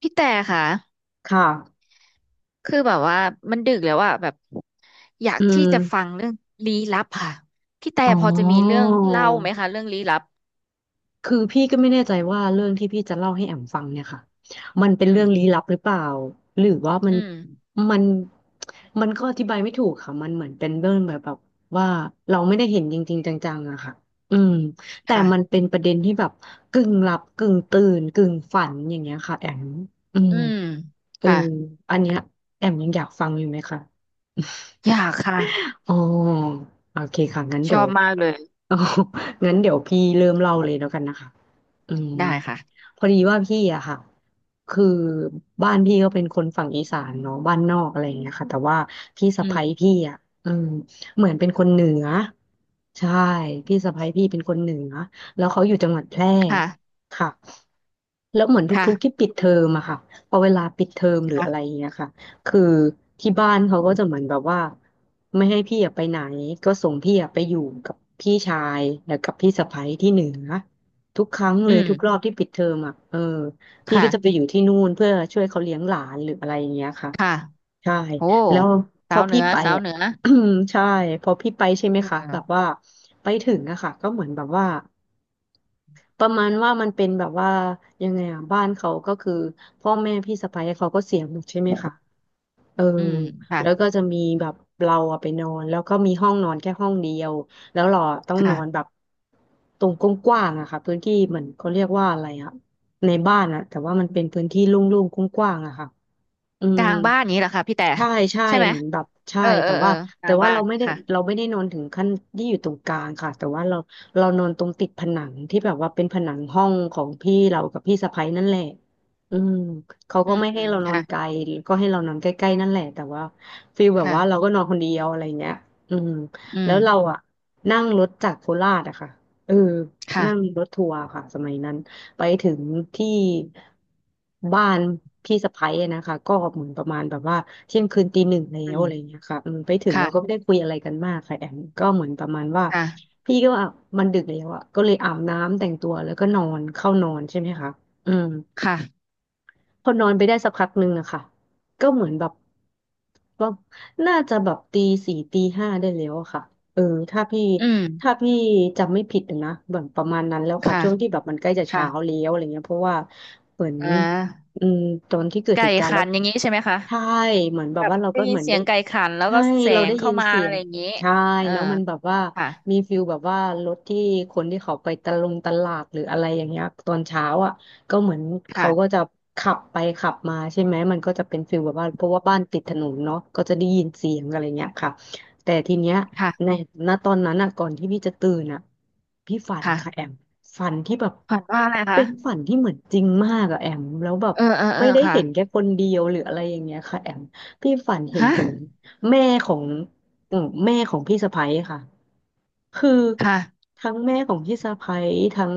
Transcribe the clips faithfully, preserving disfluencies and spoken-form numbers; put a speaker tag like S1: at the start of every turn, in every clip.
S1: พี่แต่ค่ะ
S2: ค่ะ
S1: คือแบบว่ามันดึกแล้วอะแบบอยาก
S2: อื
S1: ที่จะฟั
S2: ม
S1: งเรื่องลี้ลับค่ะพี่แต่
S2: อ๋
S1: พอจะมีเรื่
S2: อ
S1: องเล่าไหมคะเรื่องลี้ลับ
S2: คือพี่ก็ไม่แน่ใจว่าเรื่องที่พี่จะเล่าให้แอมฟังเนี่ยค่ะมันเป็น
S1: อื
S2: เรื่
S1: ม
S2: องลี้ลับหรือเปล่าหรือว่ามั
S1: อื
S2: น
S1: ม
S2: มันมันก็อธิบายไม่ถูกค่ะมันเหมือนเป็นเรื่องแบบแบบว่าเราไม่ได้เห็นจริงๆจังๆอะค่ะอืมแต่มัน
S1: ค่ะ
S2: เป็นประเด็นที่แบบกึ่งหลับกึ่งตื่นกึ่งฝันอย่างเงี้ยค่ะแอมอืม
S1: อืม
S2: เออ
S1: ค่ะ
S2: อันเนี้ยแอมยังอยากฟังอยู่ไหมคะ
S1: อยากค่ะ
S2: อ๋อโอเคค่ะงั้น
S1: ช
S2: เดี๋
S1: อ
S2: ยว
S1: บมากเลย
S2: โอ้งั้นเดี๋ยวพี่เริ่มเล่าเลยแล้วกันนะคะอืม
S1: ได้ค่ะ
S2: พอดีว่าพี่อะค่ะคือบ้านพี่ก็เป็นคนฝั่งอีสานเนาะบ้านนอกอะไรอย่างเงี้ยค่ะแต่ว่าพี่สะ
S1: อืม
S2: ใภ้พี่อะเออเหมือนเป็นคนเหนือใช่พี่สะใภ้พี่เป็นคนเหนือแล้วเขาอยู่จังหวัดแพร่
S1: ค่ะ
S2: ค่ะแล้วเหมือน
S1: ค่ะ
S2: ทุกๆที่ปิดเทอมอะค่ะพอเวลาปิดเทอมหรืออะไรอ
S1: ค่ะ
S2: ย่างเงี้ยค่ะคือที่บ้านเขาก็จะเหมือนแบบว่าไม่ให้พี่อะไปไหนก็ส่งพี่อะไปอยู่กับพี่ชายแล้วกับพี่สะใภ้ที่เหนือ ทุกครั้งเล
S1: อื
S2: ยทุกรอ
S1: ม
S2: บที่ปิดเทอมอ่ะเออพี่ก็จะไป
S1: ค่ะ
S2: อยู่ที่นู่นเพื่อช่วยเขาเลี้ยงหลานหรืออะไรอย่างเงี้ยค่ะ
S1: ค่ะ
S2: ใช่
S1: โอ้
S2: แล้วพ
S1: สา
S2: อ
S1: วเหนื
S2: พี่
S1: อ
S2: ไป
S1: สาว
S2: อ่ะ
S1: เหนือ
S2: ใช่พอพี่ไปใช่ไหม
S1: อื
S2: คะแบบ
S1: ม
S2: ว่าไปถึงอะค่ะก็เหมือนแบบว่าประมาณว่ามันเป็นแบบว่ายังไงอะบ้านเขาก็คือพ่อแม่พี่สะใภ้เขาก็เสียหมดใช่ไหมคะ เออ
S1: อืมค่ะ
S2: แล้วก็จะมีแบบเราอะไปนอนแล้วก็มีห้องนอนแค่ห้องเดียวแล้วเราอะต้องนอนแบ
S1: ค่ะ
S2: บตรงกว้างๆอะค่ะพื้นที่เหมือนเขาเรียกว่าอะไรอะในบ้านอะแต่ว่ามันเป็นพื้นที่โลุ่งๆกว้างๆอะค่ะ อื
S1: ก
S2: ม
S1: ลางบ้านนี้แหละค่ะพี่แต่
S2: ใช่ใช่
S1: ใช่ไหม
S2: เหมือนแบบใช่
S1: เออเอ
S2: แต่
S1: อเอ
S2: ว่า
S1: อก
S2: แต่
S1: ลาง
S2: ว่า
S1: บ้า
S2: เรา
S1: น
S2: ไม่ได้
S1: ค่ะ
S2: เราไม่ได้นอนถึงขั้นที่อยู่ตรงกลางค่ะแต่ว่าเราเรานอนตรงติดผนังที่แบบว่าเป็นผนังห้องของพี่เรากับพี่สะใภ้นั่นแหละอืมเขา
S1: อื
S2: ก็
S1: ม
S2: ไม่ให้เรานอนไกล
S1: ค่ะ
S2: ก็ให้เรานอนใกล้ๆนั่นแหละแต่ว่าฟีลแบบว่าเรา
S1: ค่ะ
S2: ก็นอนคนเดียวอะไรเงี้ยอืม
S1: อื
S2: แล้
S1: ม
S2: วเราอะนั่งรถจากโคราชอะค่ะเออนั่ง
S1: ค่ะ
S2: รถทัวร์ค่ะสมัยนั้น ไปถึงที่บ้านพี่สะใภ้อะนะคะก็เหมือนประมาณแบบว่าเที่ยงคืนตีหนึ่งแล้
S1: อื
S2: วอะ
S1: ม
S2: ไรอย่างเงี้ยค่ะอืมไปถึงเราก็ไม่
S1: ค่ะ
S2: ได้คุยอะไรกันมากค่ะแอมก็เหมือนประมาณว่า
S1: ค่ะ
S2: พี่ก็ว่ามันดึกแล้วอ่ะก็เลยอาบน้ำแต่งตัวแล้วก็นอนเข้านอนใช่ไหมคะอืม
S1: ค่ะ
S2: พอนอนไปได้สักพักหนึ่งอะค่ะก็เหมือนแบบว่าน่าจะแบบตีสี่ตีห้าได้แล้วอะค่ะเออถ้าพี่
S1: อืม
S2: ถ้าพี่จำไม่ผิดนะแบบประมาณนั้นแล้วค่ะ
S1: ค่ะ
S2: ช่วงที่แบบมันใกล้จะ
S1: ค่ะ
S2: เช้าแล้วอะไรเงี้ยเพราะว่าเหมือน
S1: อ่า
S2: อืมตอนที่เกิด
S1: ไก่
S2: เหตุการณ์
S1: ขั
S2: แล้ว
S1: นอย่างนี้ใช่ไหมคะ
S2: ใช่เหมือนแบ
S1: แบ
S2: บ
S1: บ
S2: ว่าเรา
S1: ได้
S2: ก็
S1: ยิ
S2: เห
S1: น
S2: มือน
S1: เสี
S2: ได้
S1: ยงไก่ขันแล้ว
S2: ใช่
S1: ก็แส
S2: เรา
S1: ง
S2: ได้ยิ
S1: เข้า
S2: น
S1: มา
S2: เสีย
S1: อะไร
S2: ง
S1: อย่างนี้
S2: ใช่
S1: เออ
S2: แล้วมันแบบว่า
S1: ค่ะ
S2: มีฟิลแบบว่ารถที่คนที่เขาไปตะลงตลาดหรืออะไรอย่างเงี้ยตอนเช้าอ่ะ ก็เหมือนเขาก็
S1: ค่ะ
S2: จะขับไปขับมาใช่ไหมมันก็จะเป็นฟิลแบบว่าเพราะว่าบ้านติดถนนเนาะก็จะได้ยินเสียงอะไรเงี้ยค่ะแต่ทีเนี้ยใน
S1: ค่ะ
S2: ณตอนนั้นอะก่อนที่พี่จะตื่นอะพี่ฝันค่ะแอ
S1: ค่ะ
S2: มฝันที่แบบ
S1: ฝันว่าอะไรคะ
S2: เป็นฝันที่เหมือนจริงมากอะแอมแล้วแบบ
S1: เออเออเอ
S2: ไม่
S1: อ
S2: ได้
S1: ค่ะ
S2: เห็นแค่คนเดียวหรืออะไรอย่างเงี้ยค่ะแอมพี่ฝันเห็น
S1: ฮะ
S2: ถึงแม่ของอืมแม่ของพี่สะใภ้ค่ะคือ
S1: ค่ะ
S2: ทั้งแม่ของพี่สะใภ้ทั้ง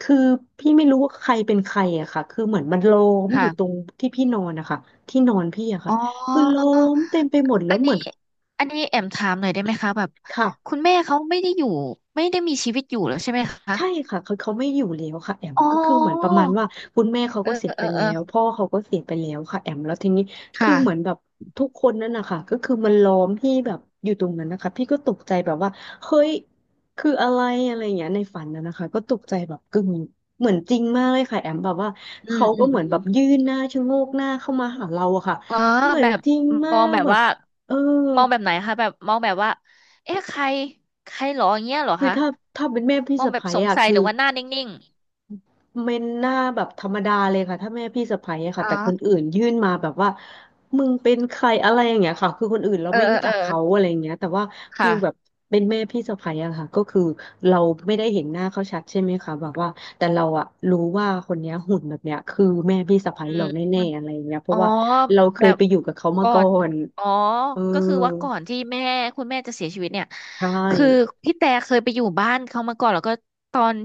S2: คือพี่ไม่รู้ว่าใครเป็นใครอะค่ะ คือเหมือนมันล้อมอยู่ตร
S1: ค่ะ
S2: งที่พี่นอนนะคะที่นอนพี่อะค่ะ
S1: อ๋อ
S2: คือล้อมเต็มไปหมดแล้
S1: อั
S2: ว
S1: น
S2: เห
S1: นี้
S2: มือน
S1: อันนี้แอมถามหน่อยได้ไหมคะแบบ
S2: ค่ะ
S1: คุณแม่เขาไม่ได้อยู่ไม่ได้มีชีวิตอยู่แล้วใช่ไหมคะ
S2: ใช่ค่ะคือเขาไม่อยู่แล้วค่ะแอม
S1: อ๋
S2: ก็คือเหมือนป
S1: อ
S2: ระมาณว่าคุณแม่เขา
S1: เออ
S2: ก็เสีย
S1: เอ
S2: ไป
S1: อเอ
S2: แล้
S1: อ
S2: วพ่อเขาก็เสียไปแล้วค่ะแอมแล้วทีนี้คือ
S1: ค่ะ
S2: เหมือนแบบทุกคนนั่นนะคะก็คือมันล้อมพี่แบบอยู่ตรงนั้นนะคะพี่ก็ตกใจแบบว่าเฮ้ยคืออะไรอะไรอย่างเงี้ยในฝันนะนะคะก็ตกใจแบบกึ่งเหมือนจริงมากเลยค่ะแอมแบบว่า
S1: อืม
S2: เขา
S1: อื
S2: ก็
S1: ม
S2: เหมื
S1: อื
S2: อน
S1: ม
S2: แบบยื่นหน้าชะโงกหน้าเข้ามาหาเราอะค่ะ
S1: อ๋อ
S2: เหมือ
S1: แบ
S2: น
S1: บ
S2: จริงมา
S1: มอง
S2: ก
S1: แบบ
S2: แบบ
S1: ว่า
S2: เออ
S1: มองแบบไหนคะแบบมองแบบว่าเอ๊ะใครใครหรออย่างเงี้ยเหรอ
S2: คือ
S1: คะ
S2: ถ้าถ้าเป็นแม่พี่
S1: มอง
S2: สะ
S1: แบบ
S2: ใภ้
S1: สง
S2: อะ
S1: สัย
S2: คื
S1: ห
S2: อ
S1: รือว่าหน้านิ่ง
S2: เป็นหน้าแบบธรรมดาเลยค่ะถ้าแม่พี่สะใภ้อะ
S1: ๆ
S2: ค่ะ
S1: อ๋อ
S2: แต่คนอื่นยื่นมาแบบว่ามึงเป็นใครอะไรอย่างเงี้ยค่ะคือคนอื่นเรา
S1: เออ
S2: ไม่
S1: เออ
S2: รู้จั
S1: เออ
S2: กเขาอะไรอย่างเงี้ยแต่ว่าฟิลแบบ
S1: ค่ะ
S2: เป็นแม่พี่สะใภ้อะค่ะก็คือเราไม่ได้เห็นหน้าเขาชัดใช่ไหมคะแบบว่าแต่เราอะรู้ว่าคนเนี้ยหุ่นแบบเนี้ยคือแม่พี่สะใภ้
S1: อื
S2: เรา
S1: ม
S2: แน
S1: อ
S2: ่
S1: ม
S2: ๆอะไรอย่างเงี้ยเพ
S1: อ๋อ
S2: ราะว่าเราเค
S1: แบ
S2: ย
S1: บ
S2: ไปอยู่กับเขามา
S1: ก่อ
S2: ก่อ
S1: น
S2: น
S1: อ๋อ
S2: เออ
S1: ก็คือว่าก่อนที่แม่คุณแม่จะเสียชีวิตเนี่ย
S2: ใช่
S1: คือพี่แต่เคยไปอยู่บ้านเขามาก่อนแล้วก็ตอน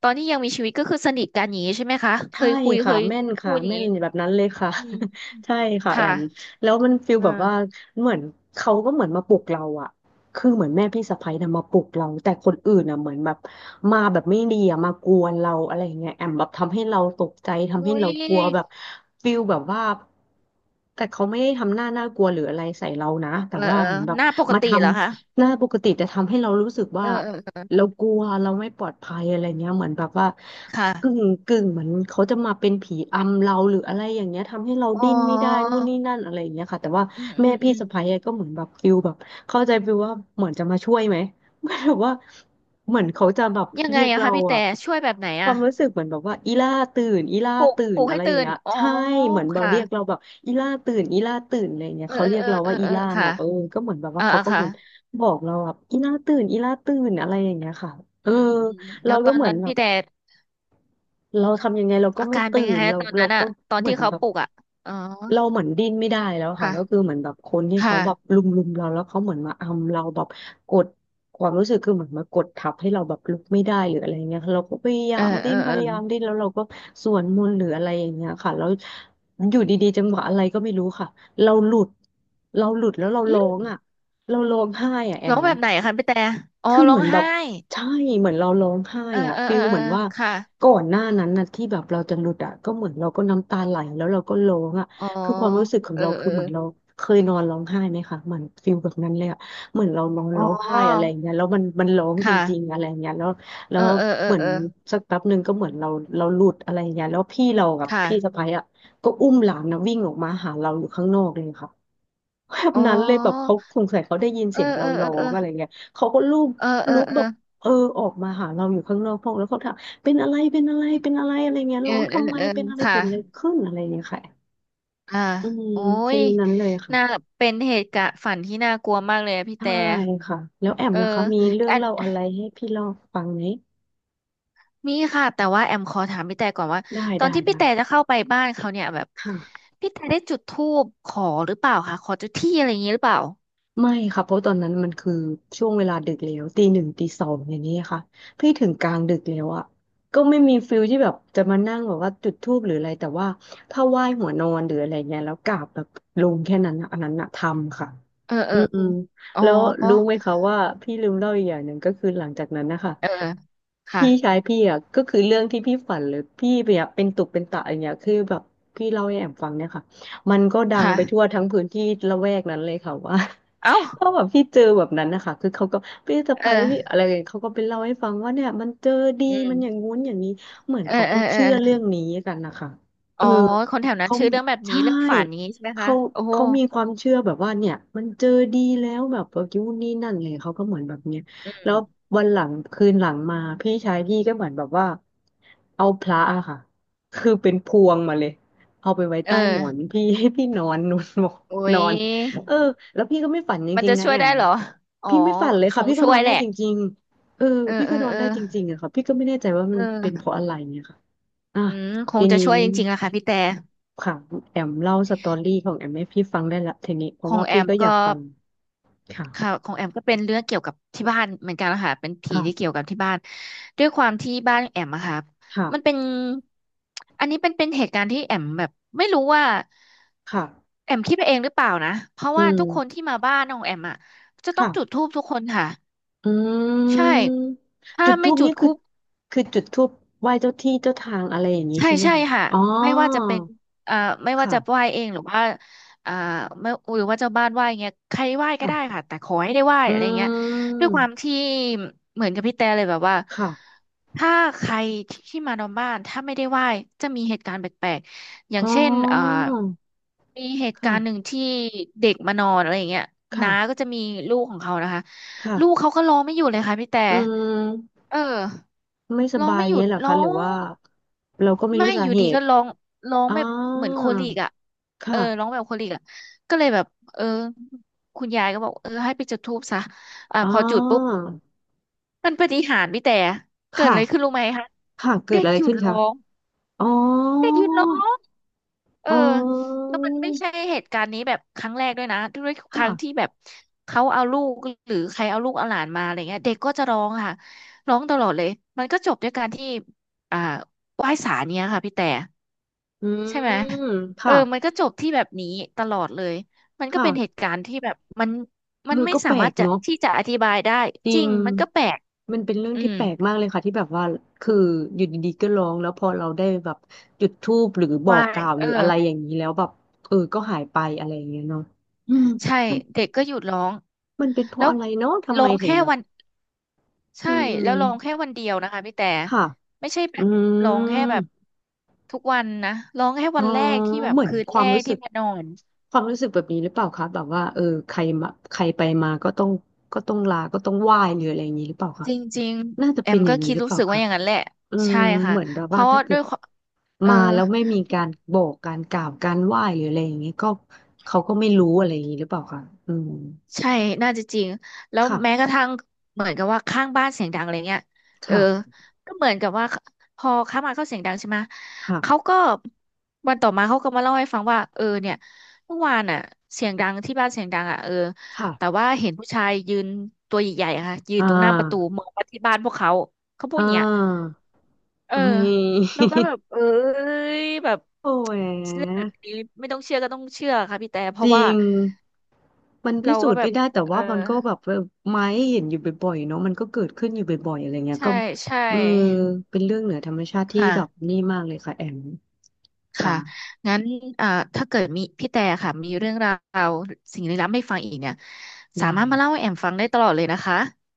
S1: ตอนที่ยังมีชีวิตก็คือสนิทกันอย่างนี้ใช่ไหมคะ เค
S2: ใช่
S1: ยคุย เค
S2: ค่ะ
S1: ย
S2: แม่น
S1: พู
S2: ค่ะ
S1: ดอย่าง
S2: แม่
S1: นี้
S2: นแบบนั้นเลยค่ะ
S1: อืม
S2: ใช่ค่ะแอ
S1: ค่ะ
S2: มแล้วมันฟีล
S1: เอ
S2: แบบว่า
S1: อ
S2: เหมือนเขาก็เหมือนมาปลุกเราอะคือเหมือนแม่พี่สะใภ้นะมาปลุกเราแต่คนอื่นอะเหมือนแบบมาแบบไม่ดีอะมากวนเราอะไรอย่างเงี้ยแอมแบบทำให้เราตกใจ
S1: อุ้
S2: ทำให้
S1: ย
S2: เรากลัวแบบฟีลแบบว่าแต่เขาไม่ได้ทำหน้าน่ากลัวหรืออะไรใส่เรานะแต่
S1: เหรอ
S2: ว่าเหมือนแบ
S1: ห
S2: บ
S1: น้าปก
S2: มาท
S1: ติเหรอคะ
S2: ำหน้าปกติแต่ทำให้เรารู้สึก
S1: เอ
S2: ว่า
S1: อเออเออ
S2: เรากลัวเราไม่ปลอดภัยอะไรเงี้ยเหมือนแบบว่า กึ่
S1: ค่ะ
S2: งกึ่งเหมือนเขาจะมาเป็นผีอำเราหรืออะไรอย่างเงี้ยทำให้เรา
S1: อ๋
S2: ดิ้นไม่ได้
S1: อ
S2: นู่นนี่นั่นอะไรอย่างเงี้ยค่ะแต่ว่า
S1: อืมอื
S2: แม่
S1: มอื
S2: พี่
S1: ม
S2: สะใภ้อะก็เหมือนแบบฟิลแบบเข้าใจฟิลว่าเหมือนจะมาช่วยไหมเหมือนแบบว่าเหมือนเขาจะแบบ
S1: ยัง
S2: เรี
S1: ไง
S2: ยก
S1: อะ
S2: เรา
S1: คะพี่
S2: อะ
S1: แต่ช่วยแบบไหน
S2: ควา
S1: อะ
S2: มรู้สึกเหมือนแบบว่าอีล่าตื่นอีล่า
S1: ปลุก
S2: ตื่
S1: ป
S2: น
S1: ลุก
S2: อะ
S1: ให้
S2: ไรอย่าง
S1: ตื่น
S2: เงี้ย
S1: อ๋อ
S2: ใช่เหมือนแบบ
S1: ค่ะ
S2: เรียกเราแบบอีล่าตื่นอีล่าตื่นอะไรอย่างเงี้ย
S1: เออ
S2: เขาเรีย
S1: เอ
S2: ก
S1: อ
S2: เรา
S1: เออ
S2: ว่า
S1: เออ
S2: อี
S1: เออ
S2: ล่า
S1: ค่ะ
S2: เนาะเออก็เหมือนแบบว่า
S1: อ่า
S2: เขา
S1: อ่า
S2: ก็เห
S1: ค่ะ
S2: มือนบอกเราแบบอีล่าตื่นอีล่าตื่นอะไรอย่างเงี้ยค่ะเออ
S1: อืมอืมอืมแล้
S2: เรา
S1: วต
S2: ก็
S1: อน
S2: เหมือ
S1: นั้
S2: น
S1: น
S2: แบ
S1: พี่
S2: บ
S1: แต่
S2: เราทำยังไงเราก็
S1: อา
S2: ไม่
S1: การเป็
S2: ตื่
S1: นยัง
S2: น
S1: ไง
S2: เรา
S1: ตอน
S2: เรา
S1: นั้นอะ
S2: ก็
S1: ตอน
S2: เหมื
S1: ที่
S2: อน
S1: เขา
S2: แบบ
S1: ปลุกอะอ๋อ
S2: เราเหมือนดิ้นไม่ได้แล้วค่ะก็คือ
S1: ค่ะ
S2: เหมือนแบบคนที่เขาแบบ
S1: ค่ะ
S2: ลุมลุมเราแล้วเขาเหมือนมาอำเราแบบกดความรู้สึกคือเหมือนมากดทับให้เราแบบลุกไม่ได้หรืออะไรเงี้ยเราก็พยายา
S1: เออ
S2: ม
S1: เอ
S2: ดิ้
S1: อ
S2: นพ
S1: เออ
S2: ยายามดิ้นแล้วเราก็สวดมนต์หรืออะไรอย่างเงี้ยค่ะแล้วอยู่ดีๆจังหวะอะไรก็ไม่รู้ค่ะเราหลุดเราหลุดแล้วเรา
S1: อื
S2: ร้อง
S1: ม
S2: อ่ะเราร้องไห้อ่ะแอ
S1: ร้อง
S2: ม
S1: แบบไหนอะคะพี่แต่อ๋อ
S2: คือ
S1: ร้
S2: เห
S1: อ
S2: มื
S1: ง
S2: อนแบ
S1: ไห้
S2: บใช่เหมือนเราร้องไห้
S1: เออ
S2: อะ
S1: เออ
S2: ฟิ
S1: เอ
S2: ล
S1: อเอ
S2: เห
S1: อ
S2: มือนว่า
S1: ค่ะ
S2: ก่อนหน้านั้นนะที่แบบเราจะหลุดอะก็เหมือนเราก็น้ำตาไหลแล้วเราก็ร้องอะ
S1: อ๋อ
S2: คือความรู้สึกของ
S1: เออ
S2: เรา
S1: เอ
S2: คือ
S1: อ
S2: เหมือนเราเคยนอนร้องไห้ไหมคะเหมือนฟิลแบบนั้นเลยอะเหมือนเรานอน
S1: อ๋
S2: ร้องไห้อะไรอ
S1: อ
S2: ย่างเงี้ยแล้วมันมันร้องจริง
S1: ค่ะ
S2: ๆอะไรอย่างเงี้ยแล้วแล้
S1: เอ
S2: ว
S1: อเออเอ
S2: เห
S1: อ
S2: มือน
S1: เออ
S2: สักแป๊บหนึ่งก็เหมือนเราเราหลุดอะไรอย่างเงี้ยแล้วพี่เรากับ
S1: ค่ะ
S2: พี่สะใภ้อะก็อุ้มหลานนะวิ่งออกมาหาเราอยู่ข้างนอกเลยค่ะแบบ
S1: อ๋อ
S2: นั้นเลยแบบเขาสงสัยเขาได้ยิน
S1: เอ
S2: เสี
S1: อ
S2: ยง
S1: เอ
S2: เรา
S1: อ
S2: ร้อ
S1: เออ
S2: งอะไรเงี้ยเขาก็ลูบ
S1: เออเออ
S2: ลุก
S1: เออ
S2: แบ
S1: เอ
S2: บ
S1: อ
S2: เออออกมาหาเราอยู่ข้างนอกห้องแล้วเขาถามเป็นอะไรเป็นอะไรเป็นอะไรอะไรเงี้ย
S1: เออ
S2: ร้อง
S1: เออ
S2: ทำไม
S1: เออ
S2: เป็นอะไร
S1: ค่ะ
S2: เกิดอะไรขึ้นอะไรเงี้ยค่ะ
S1: อ่า
S2: อืม
S1: โอ้
S2: ฟิ
S1: ย
S2: ลนั้นเลยค่ะ
S1: น่าเป็นเหตุการณ์ฝันที่น่ากลัวมากเลยอะพี่
S2: ใช่
S1: แต่
S2: ค่ะแล้วแอม
S1: เออ
S2: ล่ะคะมีเรื่อง
S1: อัน
S2: เล่าอะไรให้พี่เล่าฟังไหม
S1: มีค่ะแต่ว่าแอมขอถามพี่แต่ก่อนว่า
S2: ได้
S1: ตอน
S2: ได้
S1: ที่พี่
S2: ได้
S1: แต่จะเข้าไปบ้านเขาเนี่ยแบบ
S2: ค่ะ
S1: พี่แต่ได้จุดธูปขอหรือเปล่าคะขอเจ้าที่อะไรอย่างนี้หรือเปล่า
S2: ไม่ค่ะเพราะตอนนั้นมันคือช่วงเวลาดึกแล้วตีหนึ่งตีสองอย่างนี้ค่ะพี่ถึงกลางดึกแล้วอ่ะก็ไม่มีฟิลที่แบบจะมานั่งแบบว่าจุดธูปหรืออะไรแต่ว่าถ้าไหว้หัวนอนหรืออะไรเงี้ยแล้วกราบแบบลงแค่นั้นอะอันนั้นอะทำค่ะ
S1: เออเอ
S2: อื
S1: อ
S2: ม
S1: เอออ๋อ
S2: แล้วรู้ไหมคะว่าพี่ลืมเล่าอีกอย่างหนึ่งก็คือหลังจากนั้นนะคะ
S1: เออค่ะ
S2: พี่ชายพี่อ่ะก็คือเรื่องที่พี่ฝันเลยพี่เนี่ยเป็นตุเป็นตะอย่างเงี้ยคือแบบพี่เล่าให้แอมฟังเนี่ยค่ะมันก็ดังไปทั่ว
S1: ค่ะ
S2: ทั้งพื้นที่ละแวกนั้นเลยค่ะว่า
S1: เอ้า
S2: ถ้าแบบพี่เจอแบบนั้นนะคะคือเขาก็พี่สะ
S1: เออ
S2: ใภ้พี่อะไรอย่างเงี้ยเขาก็ไปเล่าให้ฟังว่าเนี่ยมันเจอดี
S1: อื
S2: มันอย่าง
S1: ม
S2: งู้นอย่างนี้เหมือน
S1: เออ
S2: เขา
S1: เอ
S2: ก็
S1: อเออ
S2: เชื่อเรื่องนี้กันนะคะเอ
S1: อ๋อ
S2: อ
S1: คนแถวนั้น
S2: เขา
S1: ชื่อเรื่องแบบนี้
S2: ใช่
S1: เรื่องฝันนี้ใช่ไหมคะ
S2: เขา
S1: โอ้โห
S2: เขามีความเชื่อแบบว่าเนี่ยมันเจอดีแล้วแบบว่ายูนนี่นั่นเลยเขาก็เหมือนแบบเนี้ย
S1: อื
S2: แล้
S1: ม
S2: ววันหลังคืนหลังมาพี่ชายพี่ก็เหมือนแบบว่าเอาพระอะค่ะคือเป็นพวงมาเลยเอาไปไว้
S1: เอ
S2: ใต้
S1: อ
S2: หมอนพี่ให้พี่นอน นุ่นบอก
S1: โอ้
S2: น
S1: ย
S2: อน เออแล้วพี่ก็ไม่ฝันจ
S1: มัน
S2: ริง
S1: จะ
S2: ๆนะ
S1: ช่ว
S2: แอ
S1: ยได้
S2: ม
S1: เหรอ อ๋อ
S2: พี่ไม่ฝันเลย
S1: ช
S2: ค่ะ
S1: ง
S2: พี่ก็
S1: ช่
S2: น
S1: ว
S2: อ
S1: ย
S2: น
S1: แห
S2: ได้
S1: ละ
S2: จริงๆเออ
S1: เออ
S2: พี่
S1: เอ
S2: ก็
S1: อ
S2: นอ
S1: เอ
S2: น
S1: อ
S2: ได้จริงๆอะค่ะพี่ก็ไม่แน่ใจว่ามั
S1: เอ
S2: นเป็นเพ
S1: อ
S2: ราะอะไรเนี่ยค่ะอ่ะ
S1: อืมค
S2: ที
S1: งจะ
S2: นี้
S1: ช่วยจริงๆอะค่ะพี่แต่
S2: ค่ะแอมเล่าสตอรี่ของแอมให้พี่ฟังได้ละทีนี้เพ
S1: ค
S2: ราะ
S1: ง
S2: ว่า
S1: แอ
S2: พี่
S1: ม
S2: ก็อยาก
S1: ก็
S2: ฟังค่ะ
S1: ค่ะของแอมก็เป็นเรื่องเกี่ยวกับที่บ้านเหมือนกันนะคะเป็นผีที่เกี่ย
S2: ค่ะ
S1: วกับที่บ้านด้วยความที่บ้านแอมอะค่ะ
S2: ค่ะ
S1: มันเป็นอันนี้เป็นเป็นเหตุการณ์ที่แอมแบบไม่รู้ว่า
S2: ค่ะ
S1: แอมคิดไปเองหรือเปล่านะเพราะ
S2: อื
S1: ว่าทุกคน
S2: ม
S1: ที่มาบ้านของแอมอะจะต้องจุด
S2: ค่ะ
S1: ธูปทุกคนค่ะ
S2: อื
S1: ใช่
S2: ม
S1: ถ้า
S2: จุดธู
S1: ไม่
S2: ป
S1: จุ
S2: นี่
S1: ด
S2: คือ
S1: ธูป
S2: คือจุดธูปไหว้เจ้าที่เจ้าทางอะไรอย่างนี้
S1: ใช่
S2: ใช่ไหม
S1: ใช่
S2: คะ
S1: ค่ะ
S2: อ๋อ
S1: ไม่ว่าจะเป็นเอ่อไม่ว่าจะไห
S2: ค่ะ
S1: ว้เองหรือว่าเอ่อไม่หรือว่าเจ้าบ้านไหว้เงี้ยใครไหว้ก็ได้
S2: ค่ะ
S1: ค่ะแต่ขอให้ได้ไหว้
S2: อื
S1: อะไรเงี้ยด้วยความ
S2: ม
S1: ที่เหมือนกับพี่แต่เลยแบบว่า
S2: ค่ะ
S1: ถ้าใครที่มานอนบ้านถ้าไม่ได้ไหว้จะมีเหตุการณ์แปลกๆอย่า
S2: อ๋
S1: งเช่นเอ่อ
S2: อ
S1: มีเหตุการณ์หนึ่ง
S2: ค่ะ
S1: ที่เด็กมานอนอะไรเงี้ยน้าก็
S2: ค่ะ
S1: จะมีลูกของเขานะคะลูก
S2: ค่ะ
S1: เขาก็ร้องไม่หยุดเลยค่ะพี่แต่
S2: อืม
S1: เออ
S2: ไม่ส
S1: ร้อง
S2: บาย
S1: ไม่หยุ
S2: เงี้
S1: ด
S2: ยเหรอ
S1: ร้อ
S2: คะ หรือว่า
S1: ง
S2: เราก็ไม่
S1: ไม่
S2: รู้สา
S1: อยู่
S2: เห
S1: ดีก็
S2: ตุ
S1: ร้องร้อง
S2: อ๋อ
S1: แบบเหมือนโคลิกอ่ะเออร้อ
S2: ค่ะ
S1: งแบบโคลิกอ่ะก็เลยแบบเออคุณยายก็บอกเออให้ไปจุดธูปซะอ่า
S2: อ๋อ
S1: พอจุดปุ๊บมันปาฏิหาริย์พี่แต่เกิด
S2: ค่ะ
S1: อะไรขึ้นรู้ไหมคะ
S2: ค่ะ เกิ
S1: เด็
S2: ด
S1: ก
S2: อะไร
S1: หยุด
S2: ขึ้น
S1: ร้
S2: คะ
S1: อง
S2: อ๋อ
S1: เด็กหยุดร้องเออ
S2: อ๋อ
S1: แล้วมันไม่ใช่เหตุการณ์นี้แบบครั้งแรกด้วยนะด้วยครั้งที่
S2: ค่ะ
S1: แบบเขาเอาลูกหรือใครเอาลูกเอาหลานมาอะไรเงี้ยเด็กก็จะร้องค่ะร้องตลอดเลยมันก็จบด้วยการที่อ่าไหว้ศาลเนี้ยค่ะพี่แต่
S2: อื
S1: ใช่ไหม
S2: ม
S1: เออ
S2: ค่ะ
S1: มันก็จบที่แบบนี้ตลอดเลยมันก็
S2: ค่ะ
S1: เป็นเหตุการณ์ที่แบบมัน
S2: เอ
S1: มั
S2: อ
S1: นไม่
S2: ก็
S1: สา
S2: แปล
S1: มาร
S2: ก
S1: ถจะ
S2: เนาะ
S1: ที่จะอธิบายได้
S2: จ
S1: จ
S2: ริ
S1: ริ
S2: ง
S1: งมันก็แปลก
S2: มันเป็นเรื่อง
S1: อื
S2: ที่
S1: ม
S2: แปลกมากเลยค่ะที่แบบว่า คืออยู่ดีๆก็ร้องแล้วพอเราได้แบบจุดธูปหรือบอ
S1: ว่า
S2: กกล่าวห
S1: เอ
S2: รื
S1: อ
S2: ออะไรอย่างนี้แล้วแบบเออก็หายไปอะไรอย่างเงี้ยเนาะอืม
S1: ใช่
S2: มัน
S1: เด็กก็หยุดร้อง
S2: มันเป็นเพ
S1: แล้
S2: ราะ
S1: ว
S2: อะไรเนาะทำ
S1: ร้
S2: ไม
S1: อง
S2: ถึง
S1: แค่
S2: แบบ
S1: วัน
S2: อื
S1: ใช่แล้วร้อง
S2: ม
S1: แค่วันเดียวนะคะพี่แต่
S2: ค่ะ
S1: ไม่ใช่แบ
S2: อื
S1: บร้องแค่แบ
S2: ม
S1: บทุกวันนะร้องแค่
S2: อ๋อ
S1: วันแรกที่แบบ
S2: เหมือน
S1: คืน
S2: ค
S1: แร
S2: วาม
S1: ก
S2: รู้สึ
S1: ที่
S2: ก
S1: มานอน
S2: ความรู้สึกแบบนี้หรือเปล่าคะแบบว่าเออใครมาใครไปมาก็ต้องก็ต้องลาก็ต้องไหว้หรืออะไรอย่างนี้หรือเปล่าคะ
S1: จริง
S2: น่า
S1: ๆ
S2: จะ
S1: แอ
S2: เป็
S1: ม
S2: นอ
S1: ก็
S2: ย่างนั้น
S1: คิด
S2: หรือ
S1: รู้
S2: เปล่า
S1: สึกว่า
S2: คะ
S1: อย่างนั้นแหละ
S2: อืม
S1: ใช่ค่ะ
S2: เหมือนแบบ
S1: เพ
S2: ว่า
S1: ราะ
S2: ถ้า
S1: ว่า
S2: เกิ
S1: ด้ว
S2: ด
S1: ยความเออ
S2: มาแล้วไม่มีการบอกการกล่าวการไหว้หรืออะไรอย่างเงี้ยก็เขาก็ไม่รู้อะไรอย่างงี้หรือเปล่าคะอืม
S1: ใช่น่าจะจริงแล้ว
S2: ค่ะ
S1: แม้กระทั่งเหมือนกับว่าข้างบ้านเสียงดังอะไรเงี้ยเออ
S2: ค่ะ
S1: ก็เหมือนกับว่าพอข้างบ้านเขาเสียงดังใช่ไหม
S2: ค่ะ
S1: เขาก็วันต่อมาเขาก็มาเล่าให้ฟังว่าเออเนี่ยเมื่อวานอ่ะเสียงดังที่บ้านเสียงดังอ่ะเออ
S2: ค่ะ
S1: แต่ว่าเห็นผู้ชายยืนตัวใหญ่ๆอะค่ะยื
S2: อ่
S1: นตรงหน้าประตู
S2: า
S1: มองมาที่บ้านพวกเขาเขาพู
S2: อ่
S1: ดอย่างเงี้ย
S2: า
S1: เออ
S2: เฮ้
S1: แล้ว
S2: ย
S1: ก็แบบเอ้ยแบบ
S2: โอ้ย
S1: เรื่องแบบนี้ไม่ต้องเชื่อก็ต้องเชื่อค่ะพี่แต่เพ
S2: จ
S1: ราะ
S2: ริ
S1: ว่า
S2: งมันพิ
S1: เรา
S2: สู
S1: ก็
S2: จน์
S1: แบ
S2: ไม่
S1: บ
S2: ได้แต่
S1: เอ
S2: ว่า
S1: อ
S2: มันก็แบบเออไม้เห็นอยู่บ่อยๆเนาะมันก็เกิดขึ้นอยู่บ่อยๆอะไรเงี้ย
S1: ใช่
S2: ก็
S1: ใช่
S2: เออเป็นเรื่องเหนือธรรมชาติที่
S1: ค่ะ
S2: แบบนี่มากเลยค่ะแอม
S1: ค่ะ
S2: ค่ะ
S1: งั้นเอ่าถ้าเกิดมีพี่แต่ค่ะมีเรื่องราวสิ่งลี้ลับให้ฟังอีกเนี่ยสา
S2: ได้
S1: มารถมาเล่า
S2: ค่ะ
S1: ให้แอมฟังได้ตลอดเลยนะคะ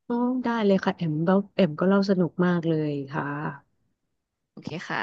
S2: อ๋อได้เลยค่ะแอมเล่าแอมก็เล่าสนุกมากเลยค่ะ
S1: โอเคค่ะ